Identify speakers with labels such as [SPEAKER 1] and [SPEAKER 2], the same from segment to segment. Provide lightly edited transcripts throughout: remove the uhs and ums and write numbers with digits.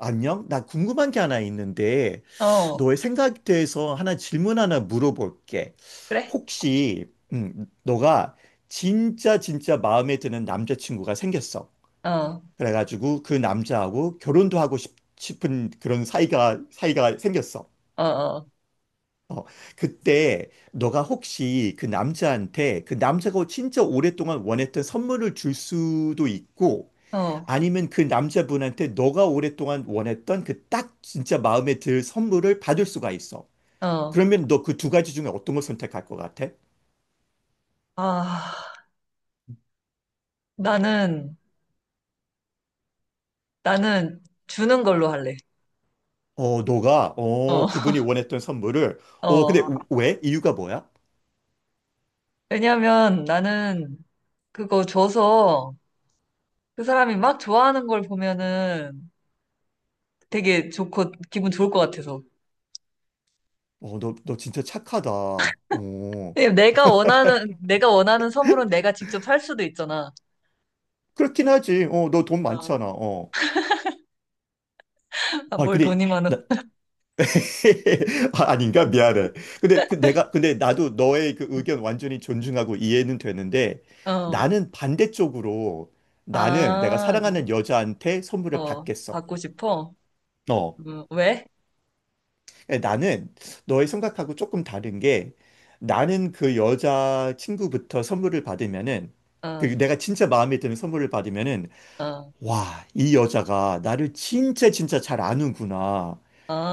[SPEAKER 1] 안녕? 나 궁금한 게 하나 있는데,
[SPEAKER 2] 어,
[SPEAKER 1] 너의 생각에 대해서 하나 질문 하나 물어볼게.
[SPEAKER 2] 그래?
[SPEAKER 1] 혹시, 너가 진짜 진짜 마음에 드는 남자친구가 생겼어.
[SPEAKER 2] 어,
[SPEAKER 1] 그래가지고 그 남자하고 결혼도 하고 싶, 은 그런 사이가 생겼어.
[SPEAKER 2] 어, 어,
[SPEAKER 1] 어, 그때 너가 혹시 그 남자한테 그 남자가 진짜 오랫동안 원했던 선물을 줄 수도 있고,
[SPEAKER 2] 어,
[SPEAKER 1] 아니면 그 남자분한테 너가 오랫동안 원했던 그 딱 진짜 마음에 들 선물을 받을 수가 있어.
[SPEAKER 2] 어.
[SPEAKER 1] 그러면 너 그 두 가지 중에 어떤 걸 선택할 것 같아?
[SPEAKER 2] 아, 나는, 나는 주는 걸로 할래.
[SPEAKER 1] 어, 너가,
[SPEAKER 2] 어,
[SPEAKER 1] 어, 그분이 원했던 선물을, 어,
[SPEAKER 2] 어.
[SPEAKER 1] 근데 왜? 이유가 뭐야?
[SPEAKER 2] 왜냐면 나는 그거 줘서 그 사람이 막 좋아하는 걸 보면은 되게 좋고 기분 좋을 것 같아서.
[SPEAKER 1] 어, 너, 너 진짜 착하다. 어,
[SPEAKER 2] 왜냐면 내가 원하는 선물은 내가 직접 살 수도 있잖아.
[SPEAKER 1] 그렇긴 하지. 어, 너 돈
[SPEAKER 2] 어,
[SPEAKER 1] 많잖아. 어.
[SPEAKER 2] 아,
[SPEAKER 1] 아,
[SPEAKER 2] 뭘
[SPEAKER 1] 근데,
[SPEAKER 2] 돈이 많아.
[SPEAKER 1] 나, 아, 아닌가? 미안해. 근데 그 내가, 근데 나도 너의 그 의견 완전히 존중하고 이해는 되는데
[SPEAKER 2] 어,
[SPEAKER 1] 나는 반대쪽으로 나는 내가
[SPEAKER 2] 아,
[SPEAKER 1] 사랑하는 여자한테 선물을
[SPEAKER 2] 어,
[SPEAKER 1] 받겠어.
[SPEAKER 2] 받고 싶어?
[SPEAKER 1] 어.
[SPEAKER 2] 왜?
[SPEAKER 1] 나는 너의 생각하고 조금 다른 게 나는 그 여자 친구부터 선물을 받으면은
[SPEAKER 2] 어,
[SPEAKER 1] 그 내가 진짜 마음에 드는 선물을 받으면은
[SPEAKER 2] 어,
[SPEAKER 1] 와, 이 여자가 나를 진짜 진짜 잘 아는구나.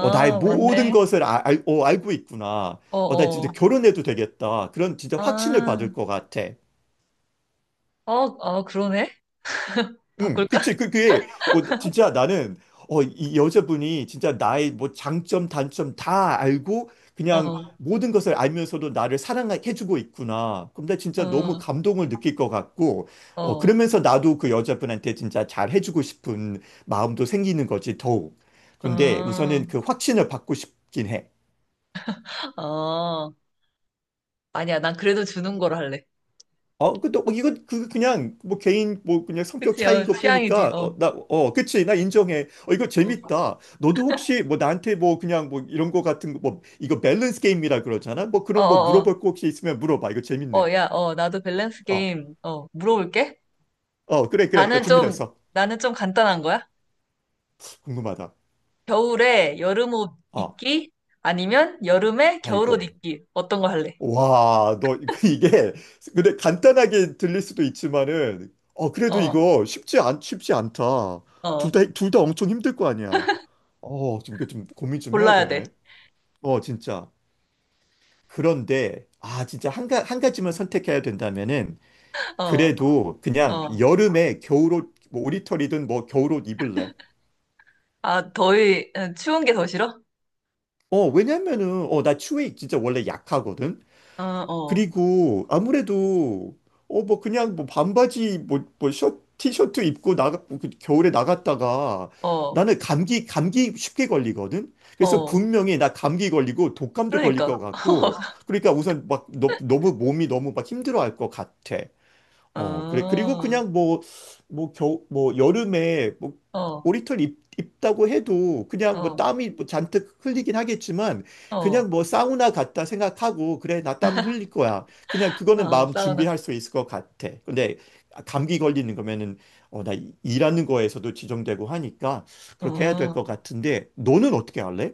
[SPEAKER 1] 어, 나의 모든
[SPEAKER 2] 맞네.
[SPEAKER 1] 것을 어, 알고 있구나.
[SPEAKER 2] 어,
[SPEAKER 1] 어, 나 진짜
[SPEAKER 2] 어.
[SPEAKER 1] 결혼해도 되겠다. 그런 진짜 확신을
[SPEAKER 2] 아,
[SPEAKER 1] 받을 것 같아.
[SPEAKER 2] 어, 어, 그러네?
[SPEAKER 1] 응,
[SPEAKER 2] 바꿀까?
[SPEAKER 1] 그치. 그, 그게, 어, 진짜 나는, 어, 이 여자분이 진짜 나의 뭐 장점, 단점 다 알고, 그냥
[SPEAKER 2] 어,
[SPEAKER 1] 모든 것을 알면서도 나를 사랑해주고 있구나. 그럼 나 진짜 너무
[SPEAKER 2] 어,
[SPEAKER 1] 감동을 느낄 것 같고, 어,
[SPEAKER 2] 어,
[SPEAKER 1] 그러면서 나도 그 여자분한테 진짜 잘 해주고 싶은 마음도 생기는 거지, 더욱. 그런데
[SPEAKER 2] 어,
[SPEAKER 1] 우선은 그 확신을 받고 싶긴 해.
[SPEAKER 2] 어. 아니야, 난 그래도 주는 걸 할래.
[SPEAKER 1] 어, 그, 또, 뭐 이건, 그, 그냥, 뭐, 개인, 뭐, 그냥 성격
[SPEAKER 2] 그치,
[SPEAKER 1] 차이인
[SPEAKER 2] 어,
[SPEAKER 1] 것
[SPEAKER 2] 취향이지.
[SPEAKER 1] 보니까,
[SPEAKER 2] 어,
[SPEAKER 1] 어, 나, 어, 그치, 나 인정해. 어, 이거
[SPEAKER 2] 어,
[SPEAKER 1] 재밌다. 너도 혹시, 뭐, 나한테 뭐, 그냥, 뭐, 이런 거 같은 거, 뭐, 이거 밸런스 게임이라 그러잖아? 뭐,
[SPEAKER 2] 어,
[SPEAKER 1] 그런, 뭐,
[SPEAKER 2] 어,
[SPEAKER 1] 물어볼 거 혹시 있으면 물어봐. 이거
[SPEAKER 2] 어,
[SPEAKER 1] 재밌네.
[SPEAKER 2] 야, 어, 나도 밸런스
[SPEAKER 1] 어,
[SPEAKER 2] 게임, 어, 물어볼게.
[SPEAKER 1] 어, 그래, 그래. 나
[SPEAKER 2] 나는 좀,
[SPEAKER 1] 준비됐어.
[SPEAKER 2] 나는 좀 간단한 거야.
[SPEAKER 1] 궁금하다.
[SPEAKER 2] 겨울에 여름옷
[SPEAKER 1] 어,
[SPEAKER 2] 입기? 아니면 여름에 겨울옷
[SPEAKER 1] 아이고.
[SPEAKER 2] 입기? 어떤 거 할래?
[SPEAKER 1] 와, 너 이게 근데 간단하게 들릴 수도 있지만은 어 그래도
[SPEAKER 2] 어,
[SPEAKER 1] 이거 쉽지 않다. 둘
[SPEAKER 2] 어,
[SPEAKER 1] 다 둘 다 엄청 힘들 거 아니야. 어, 좀 이게 좀 고민 좀 해야
[SPEAKER 2] 골라야 돼.
[SPEAKER 1] 되네. 어, 진짜. 그런데 아, 진짜 한 가지만 선택해야 된다면은
[SPEAKER 2] 어,
[SPEAKER 1] 그래도 그냥
[SPEAKER 2] 어.
[SPEAKER 1] 여름에 겨울옷 뭐 오리털이든 뭐 겨울옷 입을래.
[SPEAKER 2] 아, 더위, 어, 추운 게 더 싫어?
[SPEAKER 1] 어, 왜냐면은 어, 나 추위에 진짜 원래 약하거든.
[SPEAKER 2] 어, 어.
[SPEAKER 1] 그리고 아무래도 어 뭐 그냥 뭐 반바지 뭐뭐 셔 티셔츠 입고 나가 뭐 그 겨울에 나갔다가
[SPEAKER 2] 어,
[SPEAKER 1] 나는 감기 쉽게 걸리거든. 그래서
[SPEAKER 2] 어.
[SPEAKER 1] 분명히 나 감기 걸리고 독감도 걸릴 것
[SPEAKER 2] 그러니까.
[SPEAKER 1] 같고 그러니까 우선 막 너, 너무 몸이 너무 막 힘들어할 것 같아. 어, 그래.
[SPEAKER 2] 아,
[SPEAKER 1] 그리고 그냥 뭐, 뭐, 뭐, 여름에, 뭐,
[SPEAKER 2] 아, 어,
[SPEAKER 1] 입다고 해도 그냥 뭐
[SPEAKER 2] 어,
[SPEAKER 1] 땀이 뭐 잔뜩 흘리긴 하겠지만
[SPEAKER 2] 어.
[SPEAKER 1] 그냥 뭐 사우나 갔다 생각하고 그래, 나 땀 흘릴 거야. 그냥 그거는
[SPEAKER 2] 아,
[SPEAKER 1] 마음
[SPEAKER 2] 사우나.
[SPEAKER 1] 준비할 수 있을 것 같아. 근데 감기 걸리는 거면은 어, 나 일하는 거에서도 지정되고 하니까 그렇게 해야 될 것
[SPEAKER 2] 어,
[SPEAKER 1] 같은데 너는 어떻게 할래?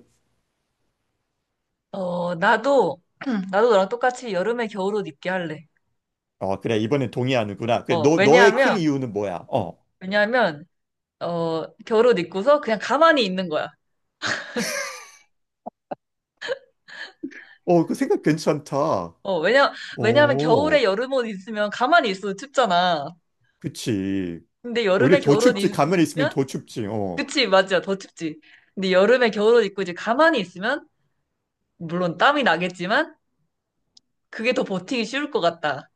[SPEAKER 2] 어, 나도, 나도 너랑 똑같이 여름에 겨울옷 입게 할래.
[SPEAKER 1] 어, 그래. 이번엔 동의하는구나. 그래,
[SPEAKER 2] 어,
[SPEAKER 1] 너, 너의 큰
[SPEAKER 2] 왜냐하면,
[SPEAKER 1] 이유는 뭐야? 어,
[SPEAKER 2] 왜냐하면, 어, 겨울옷 입고서 그냥 가만히 있는 거야.
[SPEAKER 1] 어, 그 생각 괜찮다.
[SPEAKER 2] 어, 왜냐하면 겨울에
[SPEAKER 1] 오.
[SPEAKER 2] 여름옷 있으면 가만히 있어도 춥잖아.
[SPEAKER 1] 그치.
[SPEAKER 2] 근데
[SPEAKER 1] 오히려
[SPEAKER 2] 여름에
[SPEAKER 1] 더
[SPEAKER 2] 겨울옷
[SPEAKER 1] 춥지.
[SPEAKER 2] 입-
[SPEAKER 1] 가만히 있으면
[SPEAKER 2] 입으면,
[SPEAKER 1] 더 춥지. 어.
[SPEAKER 2] 그치, 맞아, 더 춥지. 근데 여름에 겨울옷 입고 이제 가만히 있으면, 물론 땀이 나겠지만, 그게 더 버티기 쉬울 것 같다.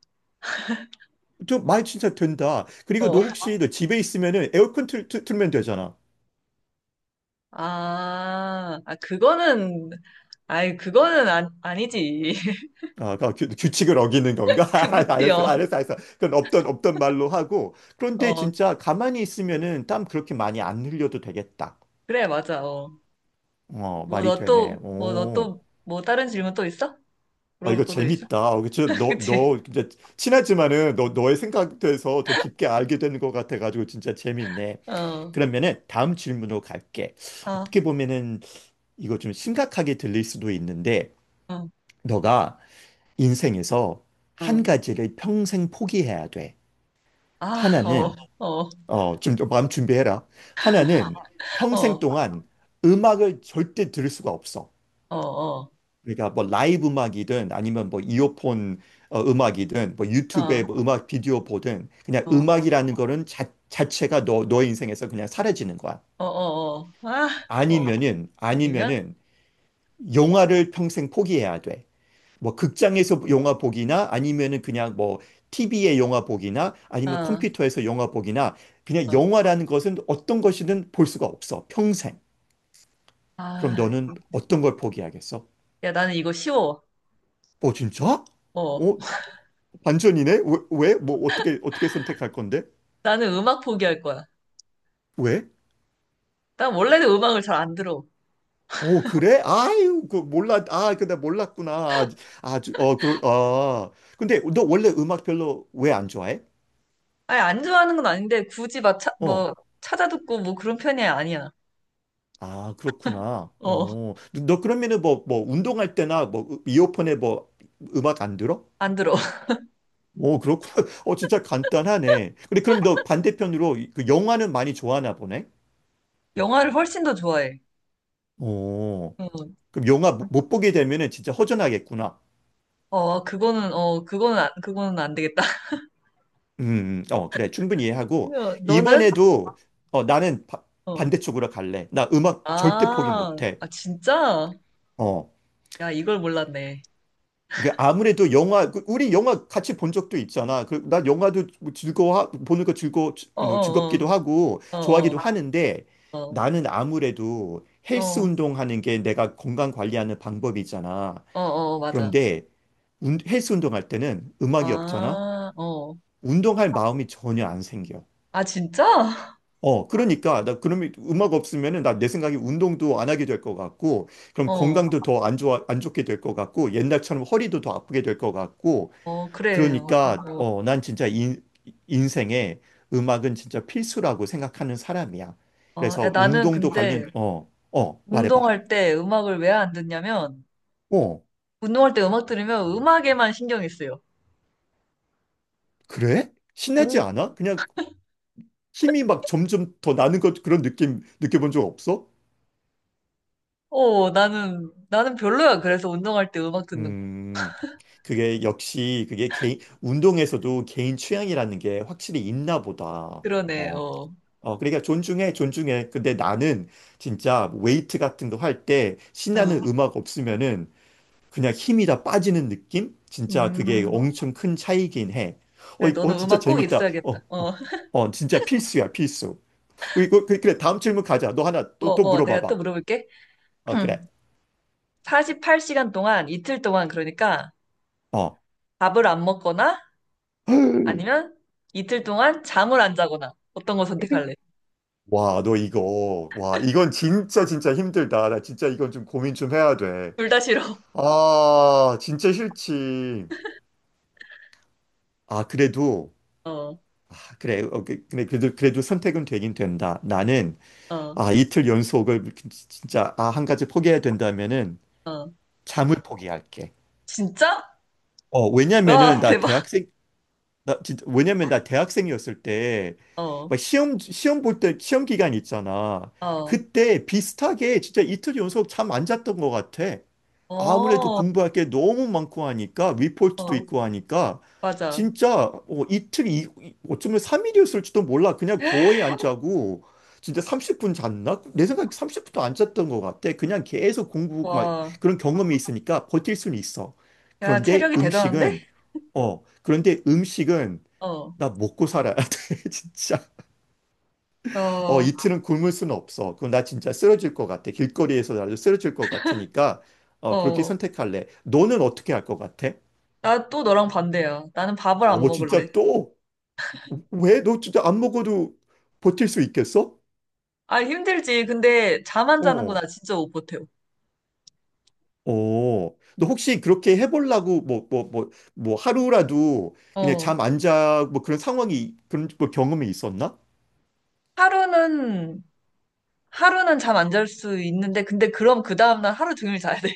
[SPEAKER 1] 저말 진짜 된다. 그리고 너
[SPEAKER 2] 어,
[SPEAKER 1] 혹시 너 집에 있으면은 에어컨 틀면 되잖아.
[SPEAKER 2] 아, 아, 그거는, 아이, 그거는 아, 아니지.
[SPEAKER 1] 아, 그 규칙을 어기는 건가?
[SPEAKER 2] 그,
[SPEAKER 1] 알았어,
[SPEAKER 2] 그치요.
[SPEAKER 1] 알았어, 알았어. 그건 없던 말로 하고. 그런데
[SPEAKER 2] 어,
[SPEAKER 1] 진짜 가만히 있으면은 땀 그렇게 많이 안 흘려도 되겠다.
[SPEAKER 2] 그래, 맞아. 어.
[SPEAKER 1] 어,
[SPEAKER 2] 뭐,
[SPEAKER 1] 말이
[SPEAKER 2] 너
[SPEAKER 1] 되네.
[SPEAKER 2] 또, 뭐, 너
[SPEAKER 1] 오.
[SPEAKER 2] 또, 뭐, 다른 질문 또 있어?
[SPEAKER 1] 아, 이거
[SPEAKER 2] 물어볼 것도 있어?
[SPEAKER 1] 재밌다. 어, 그치? 너,
[SPEAKER 2] 그치?
[SPEAKER 1] 너, 진짜 친하지만은 너, 너의 생각돼서 더 깊게 알게 되는 것 같아가지고 진짜 재밌네.
[SPEAKER 2] 어,
[SPEAKER 1] 그러면은 다음 질문으로 갈게.
[SPEAKER 2] 아,
[SPEAKER 1] 어떻게 보면은 이거 좀 심각하게 들릴 수도 있는데,
[SPEAKER 2] 어,
[SPEAKER 1] 너가 인생에서 한
[SPEAKER 2] 어.
[SPEAKER 1] 가지를 평생 포기해야 돼.
[SPEAKER 2] 아, 어,
[SPEAKER 1] 하나는,
[SPEAKER 2] 어,
[SPEAKER 1] 어, 좀, 더 마음 준비해라. 하나는 평생
[SPEAKER 2] 어,
[SPEAKER 1] 동안 음악을 절대 들을 수가 없어.
[SPEAKER 2] 어, 어,
[SPEAKER 1] 그러니까 뭐 라이브 음악이든 아니면 뭐 이어폰 어, 음악이든 뭐
[SPEAKER 2] 어,
[SPEAKER 1] 유튜브에 뭐 음악 비디오 보든 그냥
[SPEAKER 2] 어, 어,
[SPEAKER 1] 음악이라는 거는 자, 자체가 너, 너의 인생에서 그냥 사라지는 거야.
[SPEAKER 2] 어, 어. 아, 어. 아니면,
[SPEAKER 1] 아니면은 영화를 평생 포기해야 돼. 뭐 극장에서 영화 보기나 아니면은 그냥 뭐 TV에 영화 보기나 아니면
[SPEAKER 2] 어,
[SPEAKER 1] 컴퓨터에서 영화 보기나 그냥 영화라는 것은 어떤 것이든 볼 수가 없어. 평생. 그럼
[SPEAKER 2] 아,
[SPEAKER 1] 너는 어떤 걸 포기하겠어?
[SPEAKER 2] 야, 나는 이거 쉬워.
[SPEAKER 1] 어, 진짜?
[SPEAKER 2] 어,
[SPEAKER 1] 어, 반전이네? 왜, 왜? 뭐 어떻게 어떻게 선택할 건데?
[SPEAKER 2] 나는 음악 포기할 거야.
[SPEAKER 1] 왜?
[SPEAKER 2] 난 원래는 음악을 잘 안 들어.
[SPEAKER 1] 오, 그래? 아유, 그 몰라. 아, 근데 몰랐구나. 아, 아주 어, 그러 아. 근데 너 원래 음악 별로 왜 안 좋아해?
[SPEAKER 2] 아니, 안 좋아하는 건 아닌데, 굳이 막, 차,
[SPEAKER 1] 어.
[SPEAKER 2] 뭐, 찾아듣고 뭐 그런 편이 아니야.
[SPEAKER 1] 아, 그렇구나.
[SPEAKER 2] 어,
[SPEAKER 1] 어. 너, 너 그러면은 뭐 뭐 운동할 때나 뭐 이어폰에 뭐 음악 안 들어?
[SPEAKER 2] 안 들어.
[SPEAKER 1] 오, 그렇구나. 어, 진짜 간단하네. 근데 그럼 너 반대편으로 그 영화는 많이 좋아하나 보네?
[SPEAKER 2] 영화를 훨씬 더 좋아해.
[SPEAKER 1] 오,
[SPEAKER 2] 어,
[SPEAKER 1] 그럼 영화 못 보게 되면은 진짜 허전하겠구나.
[SPEAKER 2] 그거는 안 되겠다.
[SPEAKER 1] 어, 그래. 충분히 이해하고,
[SPEAKER 2] 그래서 너는?
[SPEAKER 1] 이번에도, 어, 나는
[SPEAKER 2] 어.
[SPEAKER 1] 반대쪽으로 갈래. 나 음악 절대 포기
[SPEAKER 2] 아,
[SPEAKER 1] 못해.
[SPEAKER 2] 아, 진짜?
[SPEAKER 1] 어.
[SPEAKER 2] 야, 이걸 몰랐네.
[SPEAKER 1] 그 아무래도 영화, 그 우리 영화 같이 본 적도 있잖아. 그, 나 영화도 뭐 즐거워, 보는 거 즐거, you
[SPEAKER 2] 어,
[SPEAKER 1] know,
[SPEAKER 2] 어,
[SPEAKER 1] 즐겁기도 하고,
[SPEAKER 2] 어, 어,
[SPEAKER 1] 좋아하기도 하는데,
[SPEAKER 2] 어, 어,
[SPEAKER 1] 나는 아무래도 헬스
[SPEAKER 2] 어,
[SPEAKER 1] 운동하는 게 내가 건강 관리하는 방법이잖아.
[SPEAKER 2] 어, 어, 맞아.
[SPEAKER 1] 그런데, 헬스 운동할 때는 음악이 없잖아?
[SPEAKER 2] 아, 어.
[SPEAKER 1] 운동할 마음이 전혀 안 생겨.
[SPEAKER 2] 아, 진짜?
[SPEAKER 1] 어, 그러니까, 나 그러면 음악 없으면은 나 내 생각에 운동도 안 하게 될 것 같고, 그럼
[SPEAKER 2] 어,
[SPEAKER 1] 건강도 더 안 좋아, 안 좋게 될 것 같고, 옛날처럼 허리도 더 아프게 될 것 같고,
[SPEAKER 2] 어, 그래요.
[SPEAKER 1] 그러니까, 어, 난 진짜 인생에 음악은 진짜 필수라고 생각하는 사람이야.
[SPEAKER 2] 어, 야,
[SPEAKER 1] 그래서
[SPEAKER 2] 나는
[SPEAKER 1] 운동도
[SPEAKER 2] 근데
[SPEAKER 1] 관련, 어, 어, 말해봐.
[SPEAKER 2] 운동할 때 음악을 왜 안 듣냐면,
[SPEAKER 1] 어,
[SPEAKER 2] 운동할 때 음악 들으면 음악에만 신경이 쓰여.
[SPEAKER 1] 그래? 신나지
[SPEAKER 2] 운,
[SPEAKER 1] 않아? 그냥 힘이 막 점점 더 나는 것 그런 느낌 느껴본 적 없어?
[SPEAKER 2] 어, 나는 별로야. 그래서 운동할 때 음악 듣는 거.
[SPEAKER 1] 음, 그게 역시 그게 개인 운동에서도 개인 취향이라는 게 확실히 있나 보다.
[SPEAKER 2] 그러네,
[SPEAKER 1] 어,
[SPEAKER 2] 어.
[SPEAKER 1] 어, 그러니까 존중해, 존중해. 근데 나는 진짜 웨이트 같은 거 할 때
[SPEAKER 2] 어.
[SPEAKER 1] 신나는 음악 없으면은 그냥 힘이 다 빠지는 느낌? 진짜 그게
[SPEAKER 2] 음.
[SPEAKER 1] 엄청 큰 차이긴 해. 어,
[SPEAKER 2] 그래,
[SPEAKER 1] 어,
[SPEAKER 2] 너는
[SPEAKER 1] 진짜
[SPEAKER 2] 음악 꼭
[SPEAKER 1] 재밌다. 어,
[SPEAKER 2] 있어야겠다.
[SPEAKER 1] 어,
[SPEAKER 2] 어,
[SPEAKER 1] 어, 진짜 필수야, 필수. 어, 이거 그래, 다음 질문 가자. 너 하나
[SPEAKER 2] 어,
[SPEAKER 1] 또, 또
[SPEAKER 2] 어, 내가 또
[SPEAKER 1] 물어봐봐.
[SPEAKER 2] 물어볼게.
[SPEAKER 1] 어, 그래.
[SPEAKER 2] 48시간 동안, 이틀 동안, 그러니까
[SPEAKER 1] 어.
[SPEAKER 2] 밥을 안 먹거나 아니면 이틀 동안 잠을 안 자거나 어떤 거 선택할래?
[SPEAKER 1] 와, 너 이거, 와, 이건 진짜 진짜 힘들다. 나 진짜 이건 좀 고민 좀 해야 돼.
[SPEAKER 2] 둘 다 싫어.
[SPEAKER 1] 아, 진짜 싫지. 아, 그래도,
[SPEAKER 2] 어,
[SPEAKER 1] 아, 그래, 어, 그래도, 그래도 선택은 되긴 된다. 나는,
[SPEAKER 2] 어,
[SPEAKER 1] 아, 이틀 연속을 진짜, 아, 한, 가지 포기해야 된다면은,
[SPEAKER 2] 어.
[SPEAKER 1] 잠을 포기할게.
[SPEAKER 2] 진짜?
[SPEAKER 1] 어, 왜냐면은,
[SPEAKER 2] 와,
[SPEAKER 1] 나
[SPEAKER 2] 대박.
[SPEAKER 1] 대학생, 나 진짜 왜냐면 나 대학생이었을 때
[SPEAKER 2] 어,
[SPEAKER 1] 막 시험 볼 때 시험 기간 있잖아.
[SPEAKER 2] 어,
[SPEAKER 1] 그때 비슷하게 진짜 이틀 연속 잠 안 잤던 것 같아. 아무래도
[SPEAKER 2] 어,
[SPEAKER 1] 공부할 게 너무 많고 하니까 리포트도
[SPEAKER 2] 어,
[SPEAKER 1] 있고 하니까
[SPEAKER 2] 맞아.
[SPEAKER 1] 진짜 어, 어쩌면 3일이었을지도 몰라. 그냥 거의 안 자고 진짜 30분 잤나? 내 생각에 30분도 안 잤던 것 같아. 그냥 계속 공부 막
[SPEAKER 2] 와.
[SPEAKER 1] 그런 경험이 있으니까 버틸 수는 있어.
[SPEAKER 2] 야,
[SPEAKER 1] 그런데
[SPEAKER 2] 체력이 대단한데?
[SPEAKER 1] 음식은 어, 그런데 음식은
[SPEAKER 2] 어,
[SPEAKER 1] 나 먹고 살아야 돼, 진짜. 어,
[SPEAKER 2] 어,
[SPEAKER 1] 이틀은 굶을 수는 없어. 그럼 나 진짜 쓰러질 것 같아. 길거리에서 나도 쓰러질 것 같으니까, 어, 그렇게
[SPEAKER 2] 어.
[SPEAKER 1] 선택할래. 너는 어떻게 할 것 같아?
[SPEAKER 2] 나 또 너랑 반대야. 나는 밥을 안
[SPEAKER 1] 어, 진짜
[SPEAKER 2] 먹을래.
[SPEAKER 1] 또? 왜? 너 진짜 안 먹어도 버틸 수 있겠어?
[SPEAKER 2] 아, 힘들지. 근데 잠 안 자는 거
[SPEAKER 1] 어.
[SPEAKER 2] 나 진짜 못 버텨.
[SPEAKER 1] 어, 너 혹시 그렇게 해보려고 뭐, 뭐, 뭐, 뭐 하루라도 그냥
[SPEAKER 2] 어.
[SPEAKER 1] 잠 안 자, 뭐 그런 상황이, 그런 뭐 경험이 있었나?
[SPEAKER 2] 하루는, 하루는 잠 안 잘 수 있는데, 근데 그럼 그 다음날 하루 종일 자야 돼.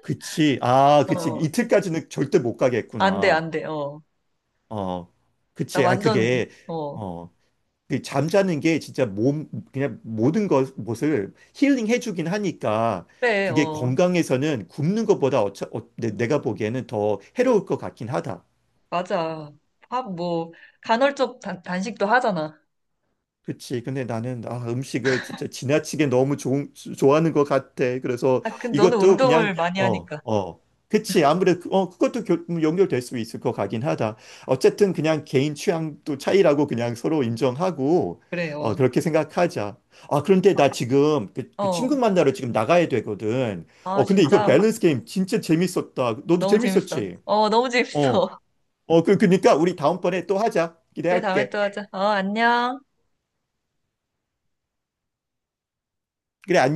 [SPEAKER 1] 그치. 아, 그치.
[SPEAKER 2] 어.
[SPEAKER 1] 이틀까지는 절대 못
[SPEAKER 2] 안 돼,
[SPEAKER 1] 가겠구나.
[SPEAKER 2] 안 돼. 어.
[SPEAKER 1] 어,
[SPEAKER 2] 나
[SPEAKER 1] 그치. 아,
[SPEAKER 2] 완전,
[SPEAKER 1] 그게,
[SPEAKER 2] 어.
[SPEAKER 1] 어, 그 잠자는 게 진짜 몸, 그냥 모든 것, 것을 힐링해주긴 하니까
[SPEAKER 2] 그래,
[SPEAKER 1] 그게
[SPEAKER 2] 어.
[SPEAKER 1] 건강에서는 굶는 것보다 어, 내가 보기에는 더 해로울 것 같긴 하다.
[SPEAKER 2] 맞아. 밥 뭐, 간헐적 단식도 하잖아.
[SPEAKER 1] 그치. 근데 나는 아, 음식을 진짜 지나치게 너무 좋아하는 것 같아. 그래서
[SPEAKER 2] 아, 근데 너는
[SPEAKER 1] 이것도 그냥
[SPEAKER 2] 운동을 많이
[SPEAKER 1] 어,
[SPEAKER 2] 하니까.
[SPEAKER 1] 어. 그치. 아무래도 어, 그것도 연결될 수 있을 것 같긴 하다. 어쨌든 그냥 개인 취향도 차이라고 그냥 서로 인정하고
[SPEAKER 2] 그래, 어.
[SPEAKER 1] 어, 그렇게 생각하자. 아, 그런데 나 지금 그, 그 친구
[SPEAKER 2] 어.
[SPEAKER 1] 만나러 지금 나가야 되거든.
[SPEAKER 2] 아,
[SPEAKER 1] 어, 근데 이거
[SPEAKER 2] 진짜.
[SPEAKER 1] 밸런스 게임 진짜 재밌었다. 너도
[SPEAKER 2] 너무 재밌어.
[SPEAKER 1] 재밌었지?
[SPEAKER 2] 어, 너무
[SPEAKER 1] 어.
[SPEAKER 2] 재밌어.
[SPEAKER 1] 어, 그, 그니까 우리 다음번에 또 하자.
[SPEAKER 2] 그래, 다음에
[SPEAKER 1] 기대할게.
[SPEAKER 2] 또 하자. 어, 안녕.
[SPEAKER 1] 그래, 안녕.